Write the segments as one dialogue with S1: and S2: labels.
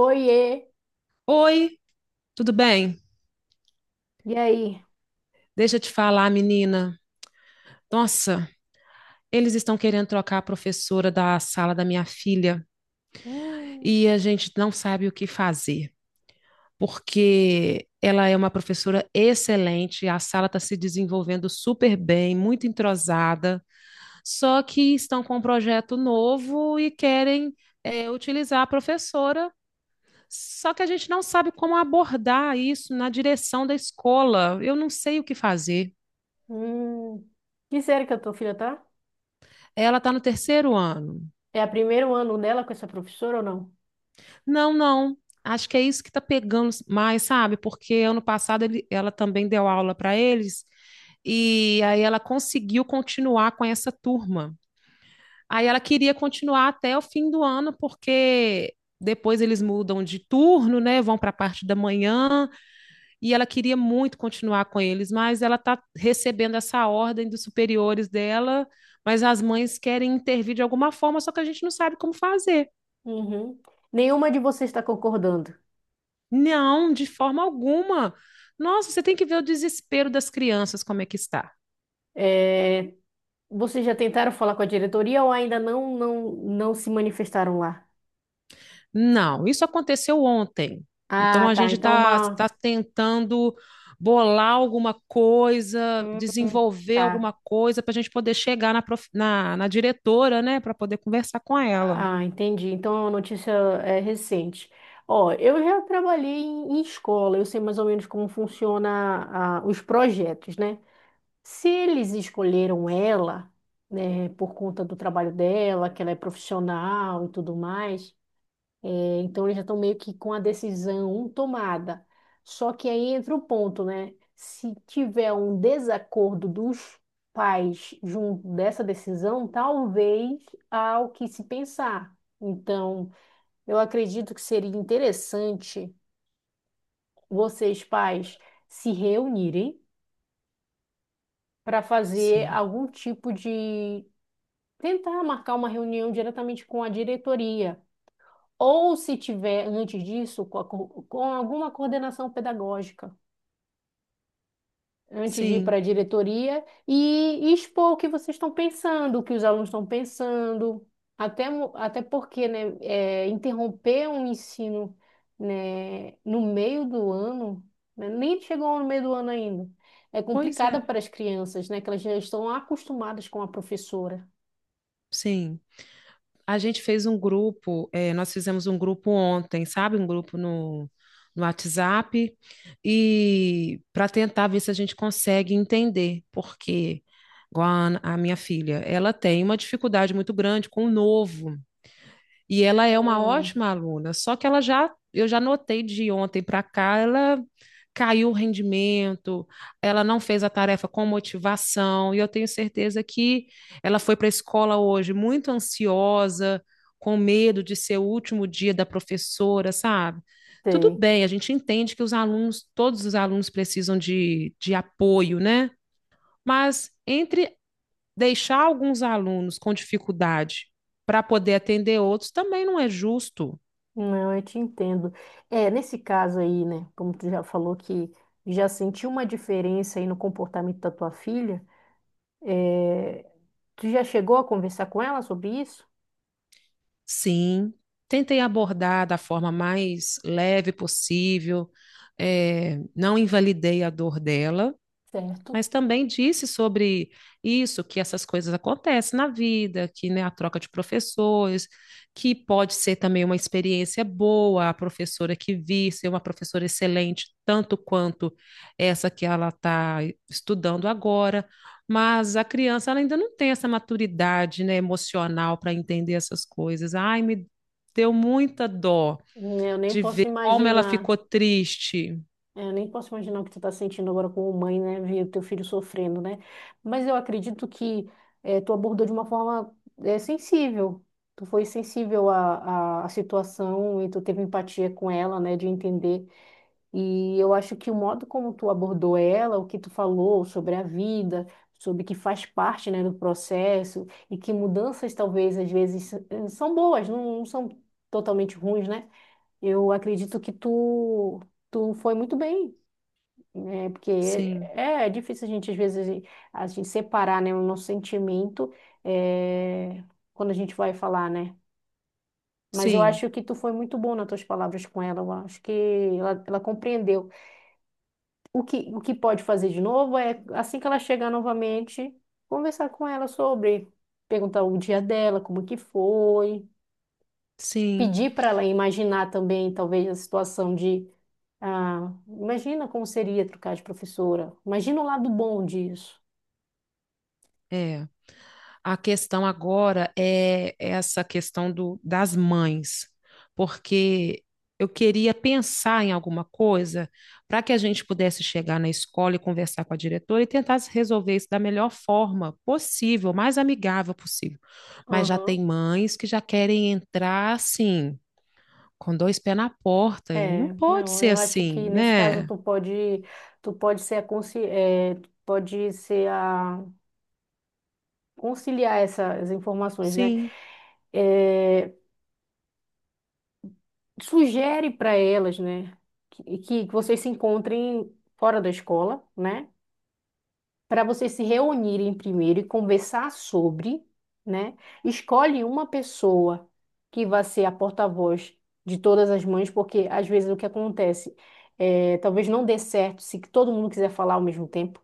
S1: Oiê!
S2: Oi, tudo bem?
S1: E aí?
S2: Deixa eu te falar, menina. Nossa, eles estão querendo trocar a professora da sala da minha filha
S1: Hum,
S2: e a gente não sabe o que fazer, porque ela é uma professora excelente, a sala está se desenvolvendo super bem, muito entrosada, só que estão com um projeto novo e querem, utilizar a professora. Só que a gente não sabe como abordar isso na direção da escola. Eu não sei o que fazer.
S1: hum. Que série que a tua filha tá?
S2: Ela está no terceiro ano.
S1: É o primeiro ano dela com essa professora ou não?
S2: Não, não. Acho que é isso que está pegando mais, sabe? Porque ano passado ela também deu aula para eles e aí ela conseguiu continuar com essa turma. Aí ela queria continuar até o fim do ano, porque depois eles mudam de turno, né? Vão para a parte da manhã, e ela queria muito continuar com eles, mas ela está recebendo essa ordem dos superiores dela, mas as mães querem intervir de alguma forma, só que a gente não sabe como fazer.
S1: Uhum. Nenhuma de vocês está concordando.
S2: Não, de forma alguma. Nossa, você tem que ver o desespero das crianças, como é que está.
S1: É, vocês já tentaram falar com a diretoria ou ainda não se manifestaram lá?
S2: Não, isso aconteceu ontem. Então
S1: Ah,
S2: a
S1: tá.
S2: gente
S1: Então
S2: está
S1: uma.
S2: tá tentando bolar alguma coisa,
S1: Hum,
S2: desenvolver
S1: tá.
S2: alguma coisa para a gente poder chegar na diretora, né, para poder conversar com ela.
S1: Ah, entendi. Então é uma notícia recente. Ó, eu já trabalhei em escola, eu sei mais ou menos como funciona os projetos, né? Se eles escolheram ela, né, por conta do trabalho dela, que ela é profissional e tudo mais, então eles já estão meio que com a decisão tomada. Só que aí entra o ponto, né? Se tiver um desacordo dos pais junto dessa decisão, talvez há o que se pensar. Então, eu acredito que seria interessante vocês, pais, se reunirem para fazer
S2: Sim,
S1: algum tipo de tentar marcar uma reunião diretamente com a diretoria, ou se tiver antes disso, a com alguma coordenação pedagógica, antes de ir para
S2: sim,
S1: a diretoria e expor o que vocês estão pensando, o que os alunos estão pensando, até porque, né, interromper um ensino, né, no meio do ano, né, nem chegou no meio do ano ainda. É
S2: pois
S1: complicado
S2: é,
S1: para as crianças, né? Que elas já estão acostumadas com a professora.
S2: sim. A gente fez um grupo, nós fizemos um grupo ontem, sabe? Um grupo no WhatsApp, e para tentar ver se a gente consegue entender, porque igual a minha filha, ela tem uma dificuldade muito grande com o novo. E ela é uma
S1: Hum,
S2: ótima aluna, só que ela já, eu já notei de ontem para cá, ela caiu o rendimento, ela não fez a tarefa com motivação, e eu tenho certeza que ela foi para a escola hoje muito ansiosa, com medo de ser o último dia da professora, sabe? Tudo
S1: sei.
S2: bem, a gente entende que os alunos, todos os alunos precisam de apoio, né? Mas entre deixar alguns alunos com dificuldade para poder atender outros também não é justo.
S1: Não, eu te entendo. É, nesse caso aí, né, como tu já falou que já sentiu uma diferença aí no comportamento da tua filha, é, tu já chegou a conversar com ela sobre isso?
S2: Sim, tentei abordar da forma mais leve possível, não invalidei a dor dela,
S1: Certo.
S2: mas também disse sobre isso, que essas coisas acontecem na vida, que né, a troca de professores, que pode ser também uma experiência boa, a professora que vir ser uma professora excelente, tanto quanto essa que ela está estudando agora, mas a criança ela ainda não tem essa maturidade, né, emocional para entender essas coisas. Ai, me deu muita dó
S1: Eu nem
S2: de ver
S1: posso
S2: como ela
S1: imaginar,
S2: ficou triste.
S1: eu nem posso imaginar o que tu tá sentindo agora como mãe, né, ver o teu filho sofrendo, né? Mas eu acredito que tu abordou de uma forma sensível. Tu foi sensível à situação e tu teve empatia com ela, né, de entender. E eu acho que o modo como tu abordou ela, o que tu falou sobre a vida, sobre que faz parte, né, do processo e que mudanças talvez às vezes são boas, não são totalmente ruins, né? Eu acredito que tu foi muito bem, né? Porque
S2: Sim,
S1: é difícil a gente às vezes a gente separar, né, o nosso sentimento eh, quando a gente vai falar, né? Mas eu
S2: sim,
S1: acho que tu foi muito bom nas tuas palavras com ela. Eu acho que ela compreendeu. O que pode fazer de novo é, assim que ela chegar novamente, conversar com ela sobre, perguntar o dia dela, como que foi,
S2: sim,
S1: pedir para ela imaginar também, talvez, a situação de, ah, imagina como seria trocar de professora, imagina o lado bom disso.
S2: é. A questão agora é essa questão do, das mães, porque eu queria pensar em alguma coisa para que a gente pudesse chegar na escola e conversar com a diretora e tentar resolver isso da melhor forma possível, mais amigável possível. Mas já
S1: Aham.
S2: tem mães que já querem entrar assim, com dois pés na porta, e
S1: É,
S2: não pode
S1: não,
S2: ser
S1: eu acho
S2: assim,
S1: que nesse caso
S2: né?
S1: tu pode ser tu pode ser a conciliar essas informações, né?
S2: Sim,
S1: É, sugere para elas, né, que vocês se encontrem fora da escola, né, para vocês se reunirem primeiro e conversar sobre, né, escolhe uma pessoa que vai ser a porta-voz de todas as mães, porque às vezes o que acontece talvez não dê certo se todo mundo quiser falar ao mesmo tempo.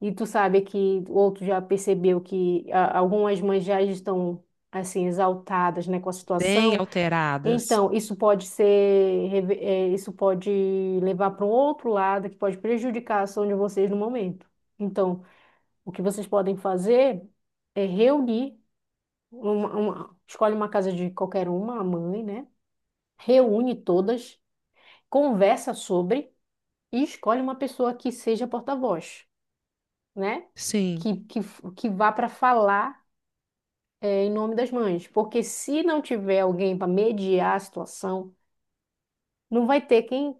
S1: E tu sabe que o outro já percebeu que ah, algumas mães já estão assim exaltadas, né, com a
S2: bem
S1: situação.
S2: alteradas.
S1: Então, isso pode levar para um outro lado que pode prejudicar a ação de vocês no momento. Então, o que vocês podem fazer é reunir escolhe uma casa de qualquer uma, a mãe, né? Reúne todas, conversa sobre e escolhe uma pessoa que seja porta-voz, né?
S2: Sim,
S1: Que vá para falar, em nome das mães. Porque se não tiver alguém para mediar a situação, não vai ter quem.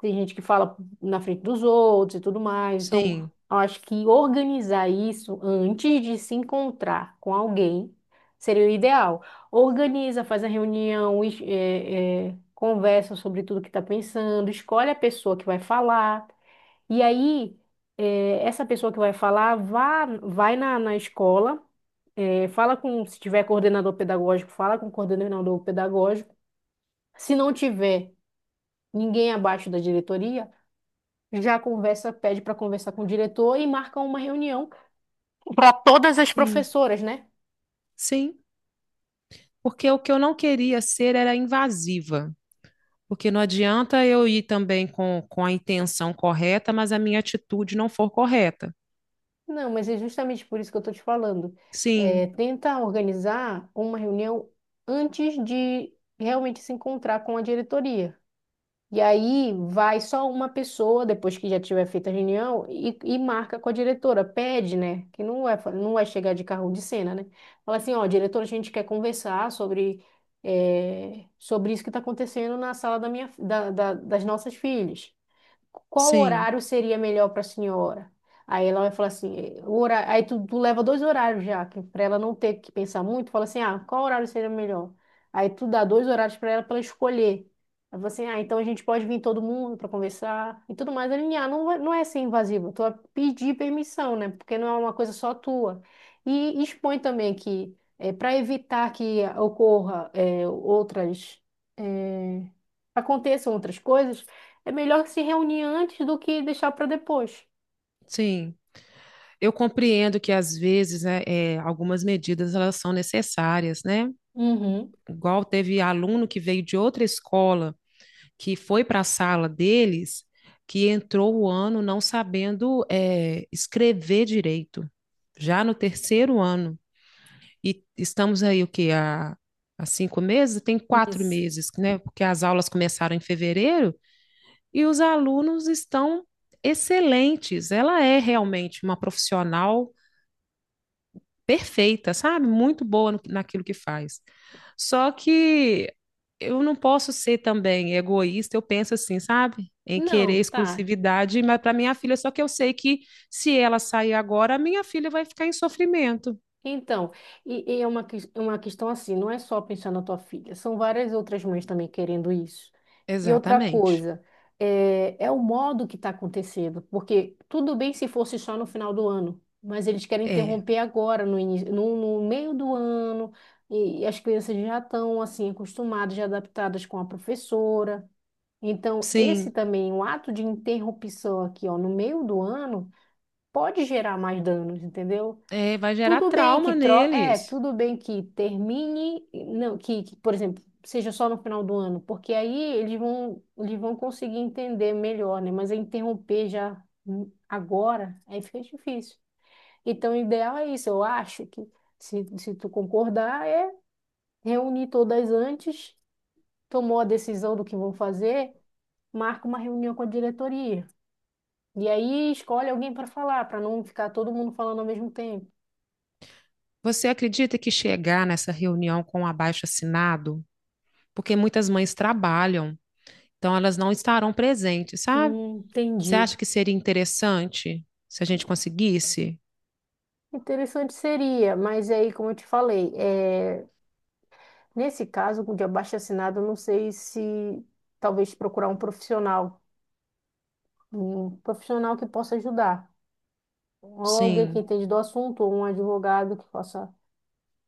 S1: Tem gente que fala na frente dos outros e tudo mais. Então,
S2: sim,
S1: eu acho que organizar isso antes de se encontrar com alguém seria o ideal. Organiza, faz a reunião, conversa sobre tudo que está pensando, escolhe a pessoa que vai falar. E aí, essa pessoa que vai falar, vai na escola, fala com, se tiver coordenador pedagógico, fala com o coordenador pedagógico. Se não tiver, ninguém abaixo da diretoria, já conversa, pede para conversar com o diretor e marca uma reunião para todas as
S2: sim,
S1: professoras, né?
S2: sim. Porque o que eu não queria ser era invasiva. Porque não adianta eu ir também com a intenção correta, mas a minha atitude não for correta.
S1: Não, mas é justamente por isso que eu estou te falando. É,
S2: Sim,
S1: tenta organizar uma reunião antes de realmente se encontrar com a diretoria. E aí vai só uma pessoa, depois que já tiver feita a reunião, e marca com a diretora, pede, né? Que não é chegar de carro de cena, né? Fala assim, ó, diretora, a gente quer conversar sobre, sobre isso que está acontecendo na sala da minha, da, da- das nossas filhas, qual
S2: sim,
S1: horário seria melhor para a senhora? Aí ela vai falar assim, o horário, aí tu leva dois horários já, para ela não ter que pensar muito, fala assim, ah, qual horário seria melhor? Aí tu dá dois horários para ela para escolher. Aí você, ah, então a gente pode vir todo mundo para conversar e tudo mais, alinhar. Não, não é ser invasivo, tu vai pedir permissão, né? Porque não é uma coisa só tua. E expõe também que, para evitar que ocorra eh, outras aconteçam outras coisas, é melhor se reunir antes do que deixar para depois.
S2: sim. Eu compreendo que às vezes né, é, algumas medidas elas são necessárias, né?
S1: Uhum,
S2: Igual teve aluno que veio de outra escola, que foi para a sala deles, que entrou o ano não sabendo escrever direito, já no terceiro ano. E estamos aí, o quê? Há 5 meses? Tem quatro
S1: isso.
S2: meses, né? Porque as aulas começaram em fevereiro e os alunos estão excelentes. Ela é realmente uma profissional perfeita, sabe? Muito boa naquilo que faz. Só que eu não posso ser também egoísta, eu penso assim, sabe? Em querer
S1: Não, tá.
S2: exclusividade, mas para minha filha, só que eu sei que se ela sair agora, a minha filha vai ficar em sofrimento.
S1: Então, e é uma, uma questão assim, não é só pensar na tua filha, são várias outras mães também querendo isso. E outra
S2: Exatamente.
S1: coisa, é o modo que está acontecendo, porque tudo bem se fosse só no final do ano, mas eles querem
S2: É,
S1: interromper agora, no início, no, no meio do ano, e as crianças já estão assim acostumadas, já adaptadas com a professora. Então, esse
S2: sim.
S1: também, um ato de interrupção aqui, ó, no meio do ano, pode gerar mais danos, entendeu?
S2: É, vai gerar trauma neles.
S1: Tudo bem que termine, não, que, por exemplo, seja só no final do ano, porque aí eles vão conseguir entender melhor, né? Mas é interromper já agora, aí fica difícil. Então, o ideal é isso, eu acho que se tu concordar, é reunir todas antes, tomou a decisão do que vão fazer, marca uma reunião com a diretoria. E aí escolhe alguém para falar, para não ficar todo mundo falando ao mesmo tempo.
S2: Você acredita que chegar nessa reunião com o abaixo-assinado? Porque muitas mães trabalham, então elas não estarão presentes, sabe? Você
S1: Entendi.
S2: acha que seria interessante se a gente conseguisse?
S1: Interessante seria, mas aí, como eu te falei, é, nesse caso de abaixo-assinado, eu não sei se talvez procurar um profissional que possa ajudar, ou alguém que
S2: Sim,
S1: entende do assunto, ou um advogado que possa,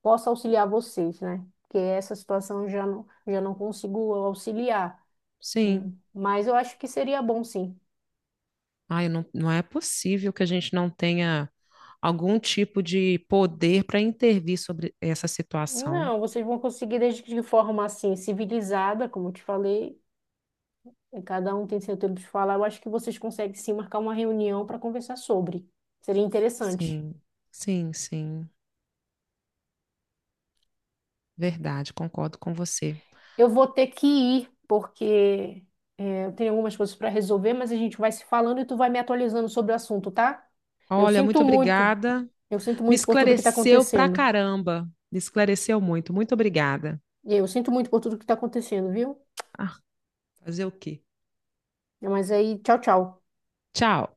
S1: possa auxiliar vocês, né? Porque essa situação eu já não consigo auxiliar.
S2: sim.
S1: Mas eu acho que seria bom, sim.
S2: Ai, não, não é possível que a gente não tenha algum tipo de poder para intervir sobre essa situação.
S1: Não, vocês vão conseguir desde que de forma assim, civilizada, como eu te falei, e cada um tem seu tempo de falar. Eu acho que vocês conseguem sim marcar uma reunião para conversar sobre. Seria interessante.
S2: Sim, sim, sim. Verdade, concordo com você.
S1: Eu vou ter que ir, porque eu tenho algumas coisas para resolver, mas a gente vai se falando e tu vai me atualizando sobre o assunto, tá? Eu
S2: Olha, muito
S1: sinto muito,
S2: obrigada.
S1: eu sinto
S2: Me
S1: muito por tudo que está
S2: esclareceu pra
S1: acontecendo.
S2: caramba. Me esclareceu muito. Muito obrigada.
S1: E eu sinto muito por tudo que está acontecendo, viu?
S2: Ah, fazer o quê?
S1: Mas aí, tchau, tchau.
S2: Tchau.